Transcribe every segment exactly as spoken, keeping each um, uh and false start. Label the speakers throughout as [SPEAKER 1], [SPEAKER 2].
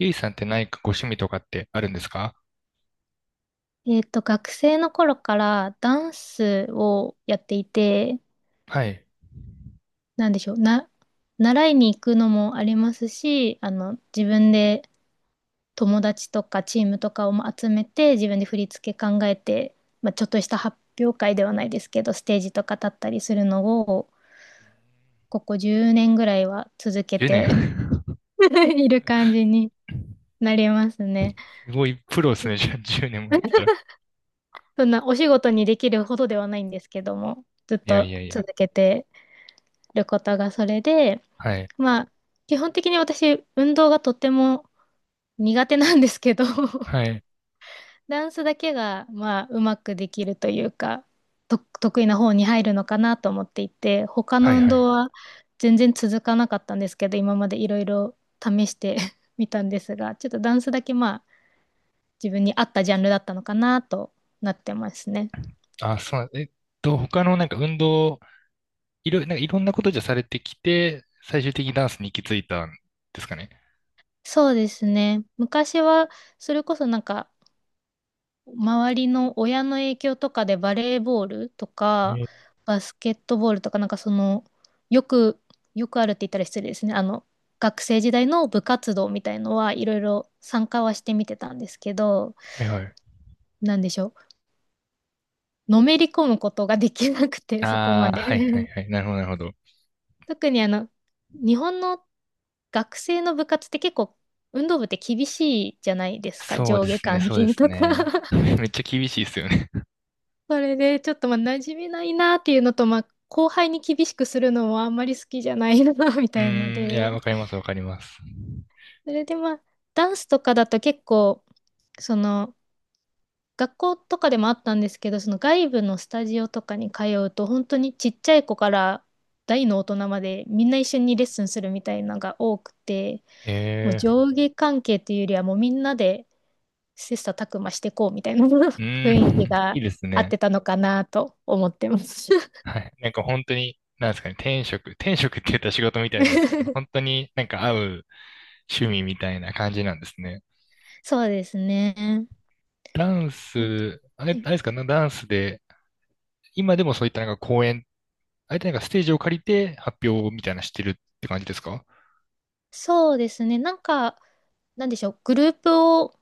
[SPEAKER 1] ゆいさんって何かご趣味とかってあるんですか？
[SPEAKER 2] えっと、学生の頃からダンスをやっていて、
[SPEAKER 1] はい。
[SPEAKER 2] なんでしょう、な、習いに行くのもありますし、あの、自分で友達とかチームとかを集めて、自分で振り付け考えて、まあ、ちょっとした発表会ではないですけど、ステージとか立ったりするのを、ここじゅうねんぐらいは続け
[SPEAKER 1] 10
[SPEAKER 2] て
[SPEAKER 1] 年。
[SPEAKER 2] いる感じになりますね。
[SPEAKER 1] すごいプロですね。じゃあじゅうねんもやってたら。い
[SPEAKER 2] そんなお仕事にできるほどではないんですけども、ずっ
[SPEAKER 1] やい
[SPEAKER 2] と
[SPEAKER 1] やいや。
[SPEAKER 2] 続けてることがそれで、
[SPEAKER 1] はい。
[SPEAKER 2] まあ、基本的に私、運動がとっても苦手なんですけど、
[SPEAKER 1] はい。
[SPEAKER 2] ダンスだけが、まあ、うまくできるというか、と、得意な方に入るのかなと思っていて、他
[SPEAKER 1] は
[SPEAKER 2] の
[SPEAKER 1] い
[SPEAKER 2] 運
[SPEAKER 1] は
[SPEAKER 2] 動
[SPEAKER 1] い。
[SPEAKER 2] は全然続かなかったんですけど、今までいろいろ試して みたんですが、ちょっとダンスだけ、まあ、自分に合ったジャンルだったのかなとなってますね。
[SPEAKER 1] あ、そうなん、えっと、他のなんか運動、いろ、なんかいろんなことじゃされてきて、最終的にダンスに行き着いたんですかね。
[SPEAKER 2] そうですね。昔は、それこそなんか、周りの親の影響とかでバレーボールと
[SPEAKER 1] え
[SPEAKER 2] か、
[SPEAKER 1] ー、
[SPEAKER 2] バスケットボールとか、なんかその、よく、よくあるって言ったら失礼ですね。あの、学生時代の部活動みたいのはいろいろ参加はしてみてたんですけど、
[SPEAKER 1] はいはい。
[SPEAKER 2] なんでしょう。のめり込むことができなくて、そこ
[SPEAKER 1] あ
[SPEAKER 2] ま
[SPEAKER 1] あ、
[SPEAKER 2] で。
[SPEAKER 1] はいはい はい。なるほどなるほど。
[SPEAKER 2] 特にあの、日本の学生の部活って結構運動部って厳しいじゃないですか。
[SPEAKER 1] そう
[SPEAKER 2] 上
[SPEAKER 1] で
[SPEAKER 2] 下
[SPEAKER 1] すね、
[SPEAKER 2] 関
[SPEAKER 1] そうで
[SPEAKER 2] 係
[SPEAKER 1] す
[SPEAKER 2] とか。
[SPEAKER 1] ね。めっちゃ厳しいですよね。
[SPEAKER 2] それで、ちょっとまあ、馴染めないなっていうのと、まあ、後輩に厳しくするのもあんまり好きじゃないな み
[SPEAKER 1] う
[SPEAKER 2] たいので。
[SPEAKER 1] ーん、いや、わかりますわかります。
[SPEAKER 2] それでまあ、ダンスとかだと結構、その、学校とかでもあったんですけど、その外部のスタジオとかに通うと、本当にちっちゃい子から大の大人までみんな一緒にレッスンするみたいなのが多くて、もう
[SPEAKER 1] え
[SPEAKER 2] 上下関係というよりはもうみんなで切磋琢磨していこうみたいな
[SPEAKER 1] ー、
[SPEAKER 2] 雰
[SPEAKER 1] う
[SPEAKER 2] 囲
[SPEAKER 1] ーん、
[SPEAKER 2] 気
[SPEAKER 1] い
[SPEAKER 2] が
[SPEAKER 1] いです
[SPEAKER 2] 合っ
[SPEAKER 1] ね。
[SPEAKER 2] てたのかなと思ってます。
[SPEAKER 1] はい。なんか本当に、なんですかね、天職、天職って言ったら仕事みたいですけど、本 当になんか合う趣味みたいな感じなんですね。
[SPEAKER 2] そうですね。
[SPEAKER 1] ダン
[SPEAKER 2] なんか、
[SPEAKER 1] ス、あれ、
[SPEAKER 2] はい、
[SPEAKER 1] あれですかね、ダンスで、今でもそういったなんか公演、あえてなんかステージを借りて発表みたいなのしてるって感じですか？
[SPEAKER 2] そうですね。なんか、なんでしょう。グループを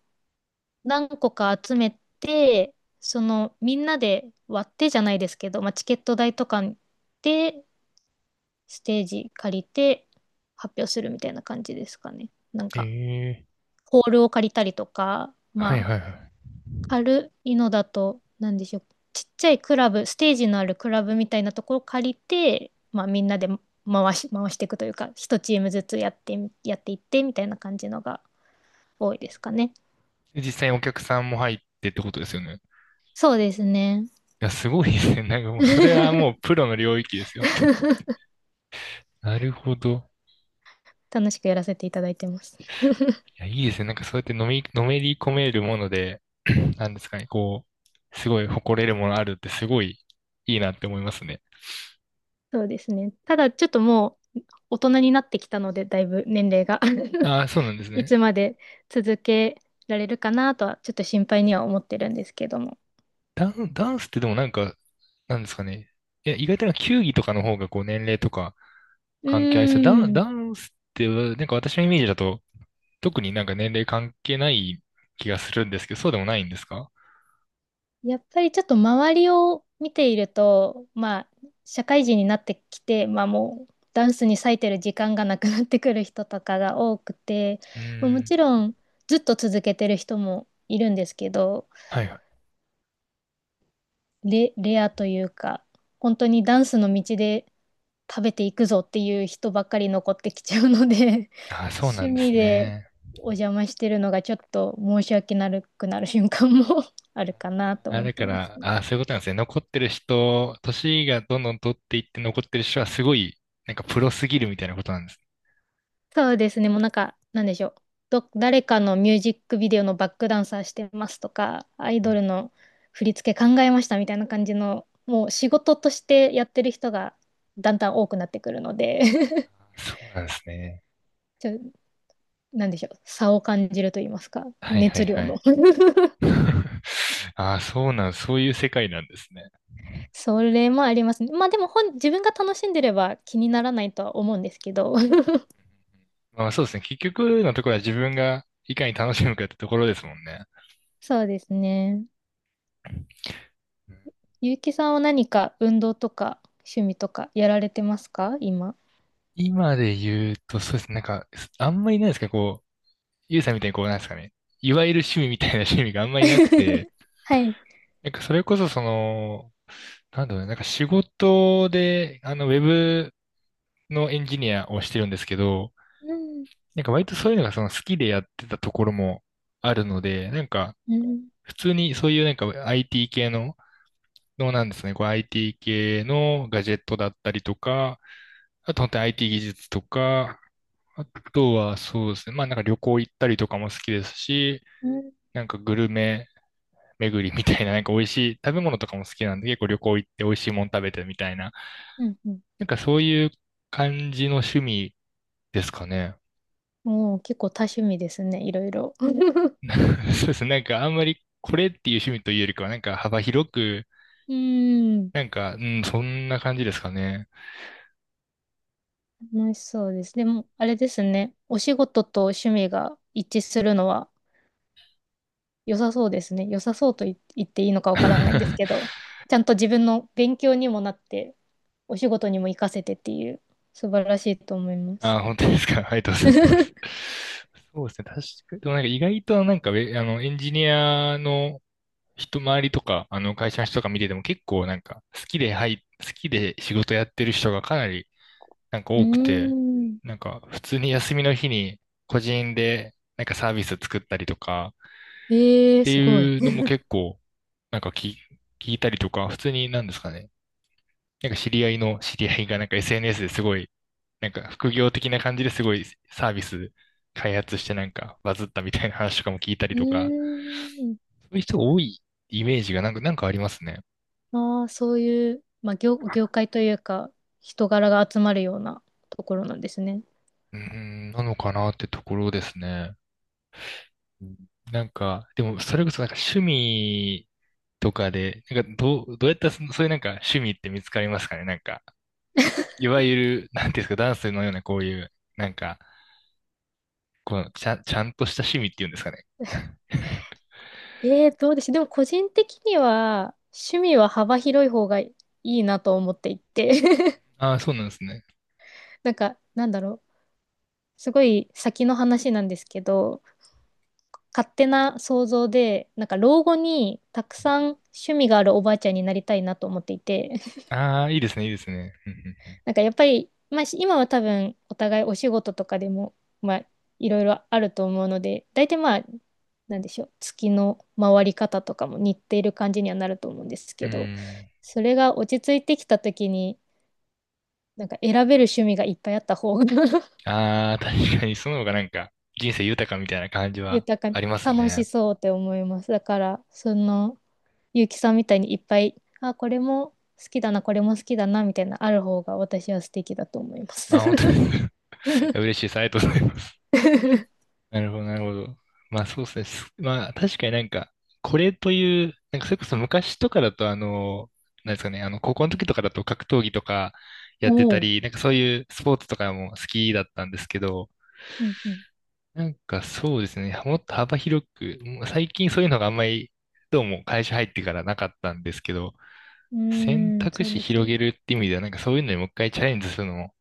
[SPEAKER 2] 何個か集めて、その、みんなで割ってじゃないですけど、まあ、チケット代とかで、ステージ借りて発表するみたいな感じですかね。なんか、
[SPEAKER 1] ええ
[SPEAKER 2] ホールを借りたりとか、
[SPEAKER 1] ー、はい
[SPEAKER 2] まあ、
[SPEAKER 1] はいはい。
[SPEAKER 2] 軽いのだと、なんでしょう。ちっちゃいクラブ、ステージのあるクラブみたいなところを借りて、まあみんなで回し、回していくというか、一チームずつやってやっていってみたいな感じのが多いですかね。
[SPEAKER 1] で実際にお客さんも入ってってことですよね。い
[SPEAKER 2] そうですね。
[SPEAKER 1] や、すごいですね。なんかもう、それはもう プロの領域ですよ。なるほど。
[SPEAKER 2] 楽しくやらせていただいてます。
[SPEAKER 1] いや、いいですね。なんかそうやってのめり、のめり込めるもので、なんですかね、こう、すごい誇れるものあるってすごいいいなって思いますね。
[SPEAKER 2] そうですね。ただちょっともう大人になってきたので、だいぶ年齢が
[SPEAKER 1] ああ、そうな んです
[SPEAKER 2] い
[SPEAKER 1] ね。
[SPEAKER 2] つまで続けられるかなとはちょっと心配には思ってるんですけども。
[SPEAKER 1] ダン、ダンスってでもなんか、なんですかね。いや、意外となんか球技とかの方がこう年齢とか
[SPEAKER 2] う
[SPEAKER 1] 関係ありそう。ダン、
[SPEAKER 2] ー
[SPEAKER 1] ダ
[SPEAKER 2] ん。
[SPEAKER 1] ンスってなんか私のイメージだと特になんか年齢関係ない気がするんですけど、そうでもないんですか？
[SPEAKER 2] やっぱりちょっと周りを見ていると、まあ、社会人になってきて、まあもう、ダンスに割いてる時間がなくなってくる人とかが多くて、
[SPEAKER 1] うー
[SPEAKER 2] まあも
[SPEAKER 1] ん。
[SPEAKER 2] ちろん、ずっと続けてる人もいるんですけど、
[SPEAKER 1] はいはい。
[SPEAKER 2] レ、レアというか、本当にダンスの道で食べていくぞっていう人ばっかり残ってきちゃうので、
[SPEAKER 1] ああ、そうな
[SPEAKER 2] 趣
[SPEAKER 1] んで
[SPEAKER 2] 味
[SPEAKER 1] す
[SPEAKER 2] で
[SPEAKER 1] ね。
[SPEAKER 2] お邪魔してるのがちょっと申し訳なくなる瞬間も あるかなと
[SPEAKER 1] あー、
[SPEAKER 2] 思っ
[SPEAKER 1] だ
[SPEAKER 2] て
[SPEAKER 1] か
[SPEAKER 2] ます
[SPEAKER 1] ら、
[SPEAKER 2] ね。
[SPEAKER 1] あー、そういうことなんですね。残ってる人、年がどんどん取っていって残ってる人はすごい、なんかプロすぎるみたいなことなんです。
[SPEAKER 2] そうですね。もうなんか、なんでしょう。ど、誰かのミュージックビデオのバックダンサーしてますとか、アイ
[SPEAKER 1] う
[SPEAKER 2] ド
[SPEAKER 1] ん、
[SPEAKER 2] ルの振り付け考えましたみたいな感じの、もう仕事としてやってる人がだんだん多くなってくるので
[SPEAKER 1] あー、そうなんですね。
[SPEAKER 2] ちょ、なんでしょう。差を感じると言いますか。
[SPEAKER 1] はいは
[SPEAKER 2] 熱
[SPEAKER 1] い
[SPEAKER 2] 量
[SPEAKER 1] は
[SPEAKER 2] の
[SPEAKER 1] い。ああ、そうなん、そういう世界なんですね。
[SPEAKER 2] それもありますね。まあでも本、自分が楽しんでれば気にならないとは思うんですけど。
[SPEAKER 1] まあそうですね。結局のところは自分がいかに楽しむかってところですもんね。
[SPEAKER 2] そうですね。
[SPEAKER 1] うん。
[SPEAKER 2] ゆうきさんは何か運動とか趣味とかやられてますか今。
[SPEAKER 1] 今で言うと、そうですね。なんか、あんまりないですか、こう、ゆうさんみたいにこう、なんですかね。いわゆる趣味みたいな趣味があんまり なくて、
[SPEAKER 2] はい。
[SPEAKER 1] なんかそれこそその、なんだろうね、なんか仕事で、あの、ウェブのエンジニアをしてるんですけど、
[SPEAKER 2] うん。
[SPEAKER 1] なんか割とそういうのがその好きでやってたところもあるので、なんか
[SPEAKER 2] うん。
[SPEAKER 1] 普通にそういうなんか アイティー 系の、のなんですね、こう アイティー 系のガジェットだったりとか、あと本当に アイティー 技術とか、あとはそうですね、まあなんか旅行行ったりとかも好きですし、
[SPEAKER 2] うん。
[SPEAKER 1] なんかグルメ巡りみたいな、なんか美味しい食べ物とかも好きなんで、結構旅行行って美味しいもん食べてみたいな、
[SPEAKER 2] うん。うん。
[SPEAKER 1] なんかそういう感じの趣味ですかね。
[SPEAKER 2] もう結構多趣味ですね。いろいろ。
[SPEAKER 1] そうですね。なんかあんまりこれっていう趣味というよりかは、なんか幅広く、
[SPEAKER 2] うん。
[SPEAKER 1] なんか、うん、そんな感じですかね。
[SPEAKER 2] 楽しそうです。でも、あれですね。お仕事と趣味が一致するのは良さそうですね。良さそうと言言っていいのかわからないですけど、ちゃんと自分の勉強にもなって、お仕事にも活かせてっていう、素晴らしいと思います。
[SPEAKER 1] あ、本当ですか。ありがとうご ざいます。
[SPEAKER 2] う
[SPEAKER 1] そうですね。確かに。でもなんか意外となんかウェ、あの、エンジニアの人周りとか、あの、会社の人とか見てても結構なんか好きで、はい、好きで仕事やってる人がかなりなんか
[SPEAKER 2] ー
[SPEAKER 1] 多くて、
[SPEAKER 2] ん。
[SPEAKER 1] なんか普通に休みの日に個人でなんかサービス作ったりとか
[SPEAKER 2] え
[SPEAKER 1] っ
[SPEAKER 2] えー、
[SPEAKER 1] て
[SPEAKER 2] すごい。
[SPEAKER 1] いうのも
[SPEAKER 2] う
[SPEAKER 1] 結構なんかき聞いたりとか、普通になんですかね。なんか知り合いの知り合いがなんか エスエヌエス ですごい、なんか副業的な感じですごいサービス開発してなんかバズったみたいな 話とかも聞いたり
[SPEAKER 2] ー
[SPEAKER 1] とか、
[SPEAKER 2] ん。
[SPEAKER 1] そういう人が多いイメージがなんか、なんかありますね。
[SPEAKER 2] ああ、そういう、まあ、業、業界というか、人柄が集まるようなところなんですね。
[SPEAKER 1] うーん、なのかなってところですね。うん、なんか、でもそれこそなんか趣味とかで、なんかどう、どうやったらそそういうなんか趣味って見つかりますかねなんか、いわゆる、なんていうんですか、ダンスのようなこういう、なんか、このちゃん、ちゃんとした趣味っていうんですかね。
[SPEAKER 2] えー、どうでしょう。でも個人的には、趣味は幅広い方がいいなと思っていて。
[SPEAKER 1] ああ、そうなんですね。
[SPEAKER 2] なんか、なんだろう。すごい先の話なんですけど、勝手な想像で、なんか老後にたくさん趣味があるおばあちゃんになりたいなと思っていて。
[SPEAKER 1] ああ、いいですね、いいですね。うん。
[SPEAKER 2] なんかやっぱり、まあ、し今は多分お互いお仕事とかでも、まあ、いろいろあると思うので、大体まあ、なんでしょう、月の回り方とかも似ている感じにはなると思うんです
[SPEAKER 1] う
[SPEAKER 2] け
[SPEAKER 1] んうんう
[SPEAKER 2] ど、
[SPEAKER 1] ん。
[SPEAKER 2] それが落ち着いてきた時に、なんか選べる趣味がいっぱいあった方が
[SPEAKER 1] ああー、確かにその方がなんか、人生豊かみたいな感じは
[SPEAKER 2] 豊
[SPEAKER 1] あ
[SPEAKER 2] か、
[SPEAKER 1] ります
[SPEAKER 2] 楽
[SPEAKER 1] ね。
[SPEAKER 2] しそうって思います。だから、その、ゆうきさんみたいにいっぱい、あ、これも好きだな、これも好きだな、みたいな、ある方が私は素敵だと思います。
[SPEAKER 1] あ、本当に？ いや嬉しいです。ありがとうございます。なるほど、なるほど。まあそうですね。す、まあ確かになんか、これという、なんかそれこそ昔とかだとあの、なんですかね、あの、高校の時とかだと格闘技とかや
[SPEAKER 2] お
[SPEAKER 1] ってた
[SPEAKER 2] お。
[SPEAKER 1] り、なんかそういうスポーツとかも好きだったんですけど、
[SPEAKER 2] うんうん、
[SPEAKER 1] なんかそうですね、もっと幅広く、もう最近そういうのがあんまり、どうも会社入ってからなかったんですけど、
[SPEAKER 2] う
[SPEAKER 1] 選
[SPEAKER 2] ーん、
[SPEAKER 1] 択
[SPEAKER 2] そう
[SPEAKER 1] 肢
[SPEAKER 2] ですよ
[SPEAKER 1] 広
[SPEAKER 2] ね。
[SPEAKER 1] げるって意味では、なんかそういうのにもう一回チャレンジするのも、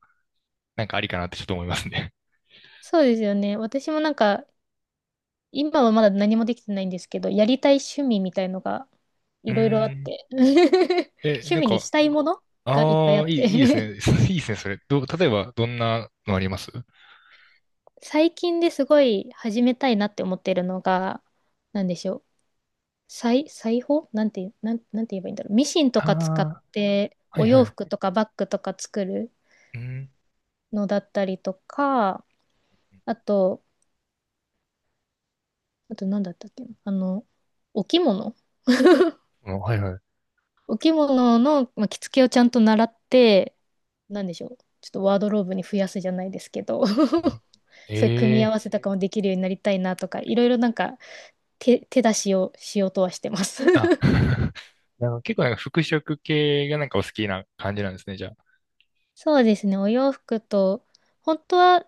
[SPEAKER 1] なんかありかなってちょっと思いますね。
[SPEAKER 2] そうですよね。私もなんか、今はまだ何もできてないんですけど、やりたい趣味みたいのが
[SPEAKER 1] う
[SPEAKER 2] いろいろあ
[SPEAKER 1] ー
[SPEAKER 2] っ
[SPEAKER 1] ん。
[SPEAKER 2] て、
[SPEAKER 1] え、
[SPEAKER 2] 趣
[SPEAKER 1] なん
[SPEAKER 2] 味に
[SPEAKER 1] か、
[SPEAKER 2] したいものがいっぱいあ
[SPEAKER 1] ああ、
[SPEAKER 2] っ
[SPEAKER 1] いい、いいです
[SPEAKER 2] て
[SPEAKER 1] ね。いいですね、それ。どう、例えば、どんなのあります？
[SPEAKER 2] 最近ですごい始めたいなって思ってるのが、なんでしょう。裁、裁縫なんて、なん、なんて言えばいいんだろう。ミシンと
[SPEAKER 1] あ
[SPEAKER 2] か使っ
[SPEAKER 1] あ
[SPEAKER 2] て、
[SPEAKER 1] ー、は
[SPEAKER 2] お
[SPEAKER 1] いは
[SPEAKER 2] 洋
[SPEAKER 1] い。
[SPEAKER 2] 服とかバッグとか作る
[SPEAKER 1] うん。
[SPEAKER 2] のだったりとか、あと、あと何だったっけな、あの、お着物
[SPEAKER 1] あ、はいはい。
[SPEAKER 2] お着物の、まあ、着付けをちゃんと習って、なんでしょう。ちょっとワードローブに増やすじゃないですけど、そういう組み合
[SPEAKER 1] え
[SPEAKER 2] わ
[SPEAKER 1] え、
[SPEAKER 2] せとかもできるようになりたいなとか、いろいろなんか手、手出しをしようとはしてます。
[SPEAKER 1] あ、なんか結構なんか服飾系がなんかお好きな感じなんですね、じゃあ。
[SPEAKER 2] そうですね、お洋服と、本当は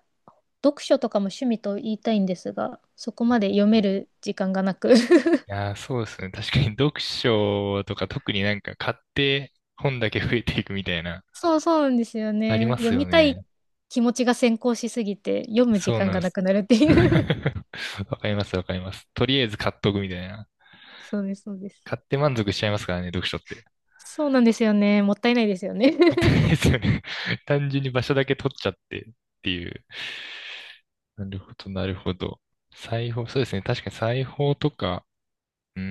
[SPEAKER 2] 読書とかも趣味と言いたいんですが、そこまで
[SPEAKER 1] う
[SPEAKER 2] 読
[SPEAKER 1] ん、
[SPEAKER 2] め
[SPEAKER 1] い
[SPEAKER 2] る時間がなく。
[SPEAKER 1] やー、そうですね。確かに 読書とか特になんか買って本だけ増えていくみたいな、
[SPEAKER 2] そうそう、なんですよ
[SPEAKER 1] あり
[SPEAKER 2] ね。
[SPEAKER 1] ま
[SPEAKER 2] 読
[SPEAKER 1] すよ
[SPEAKER 2] みたい
[SPEAKER 1] ね。
[SPEAKER 2] 気持ちが先行しすぎて、読む時
[SPEAKER 1] そう
[SPEAKER 2] 間
[SPEAKER 1] なん
[SPEAKER 2] が
[SPEAKER 1] で
[SPEAKER 2] な
[SPEAKER 1] す。
[SPEAKER 2] くなるっていう。
[SPEAKER 1] わかります、わかります。とりあえず買っとくみたいな。
[SPEAKER 2] そうです、そうで
[SPEAKER 1] 買
[SPEAKER 2] す。
[SPEAKER 1] って満足しちゃいますからね、読書って。
[SPEAKER 2] そうなんですよね。もったいないですよね。
[SPEAKER 1] もったい ないですよね。単純に場所だけ取っちゃってっていう。なるほど、なるほど。裁縫、そうですね。確かに裁縫とか、うー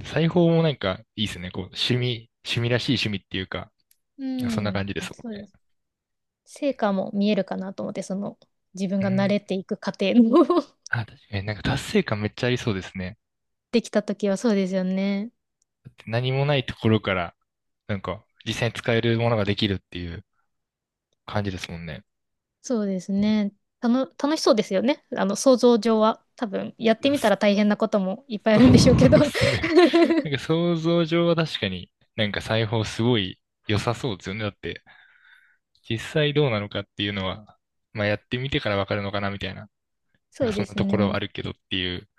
[SPEAKER 1] ん、裁縫もなんかいいですね。こう、趣味、趣味らしい趣味っていうか、
[SPEAKER 2] う
[SPEAKER 1] そんな
[SPEAKER 2] ん、
[SPEAKER 1] 感じですもん
[SPEAKER 2] そう
[SPEAKER 1] ね。
[SPEAKER 2] です。成果も見えるかなと思って、その自分
[SPEAKER 1] う
[SPEAKER 2] が慣
[SPEAKER 1] ん。
[SPEAKER 2] れていく過程も
[SPEAKER 1] あ、確かになんか達成感めっちゃありそうですね。
[SPEAKER 2] できたときはそうですよね。
[SPEAKER 1] 何もないところから、なんか実際に使えるものができるっていう感じですもんね。
[SPEAKER 2] そうですね。たの、楽しそうですよね。あの、想像上は。多分、やってみたら大変なこともいっぱいあるんでしょうけ
[SPEAKER 1] そうで
[SPEAKER 2] ど
[SPEAKER 1] すね。なんか 想像上は確かになんか裁縫すごい良さそうですよね。だって実際どうなのかっていうのは、まあやってみてからわかるのかなみたいな、
[SPEAKER 2] そ
[SPEAKER 1] なん
[SPEAKER 2] う
[SPEAKER 1] かそ
[SPEAKER 2] で
[SPEAKER 1] んな
[SPEAKER 2] す
[SPEAKER 1] ところは
[SPEAKER 2] ね。
[SPEAKER 1] あるけどっていう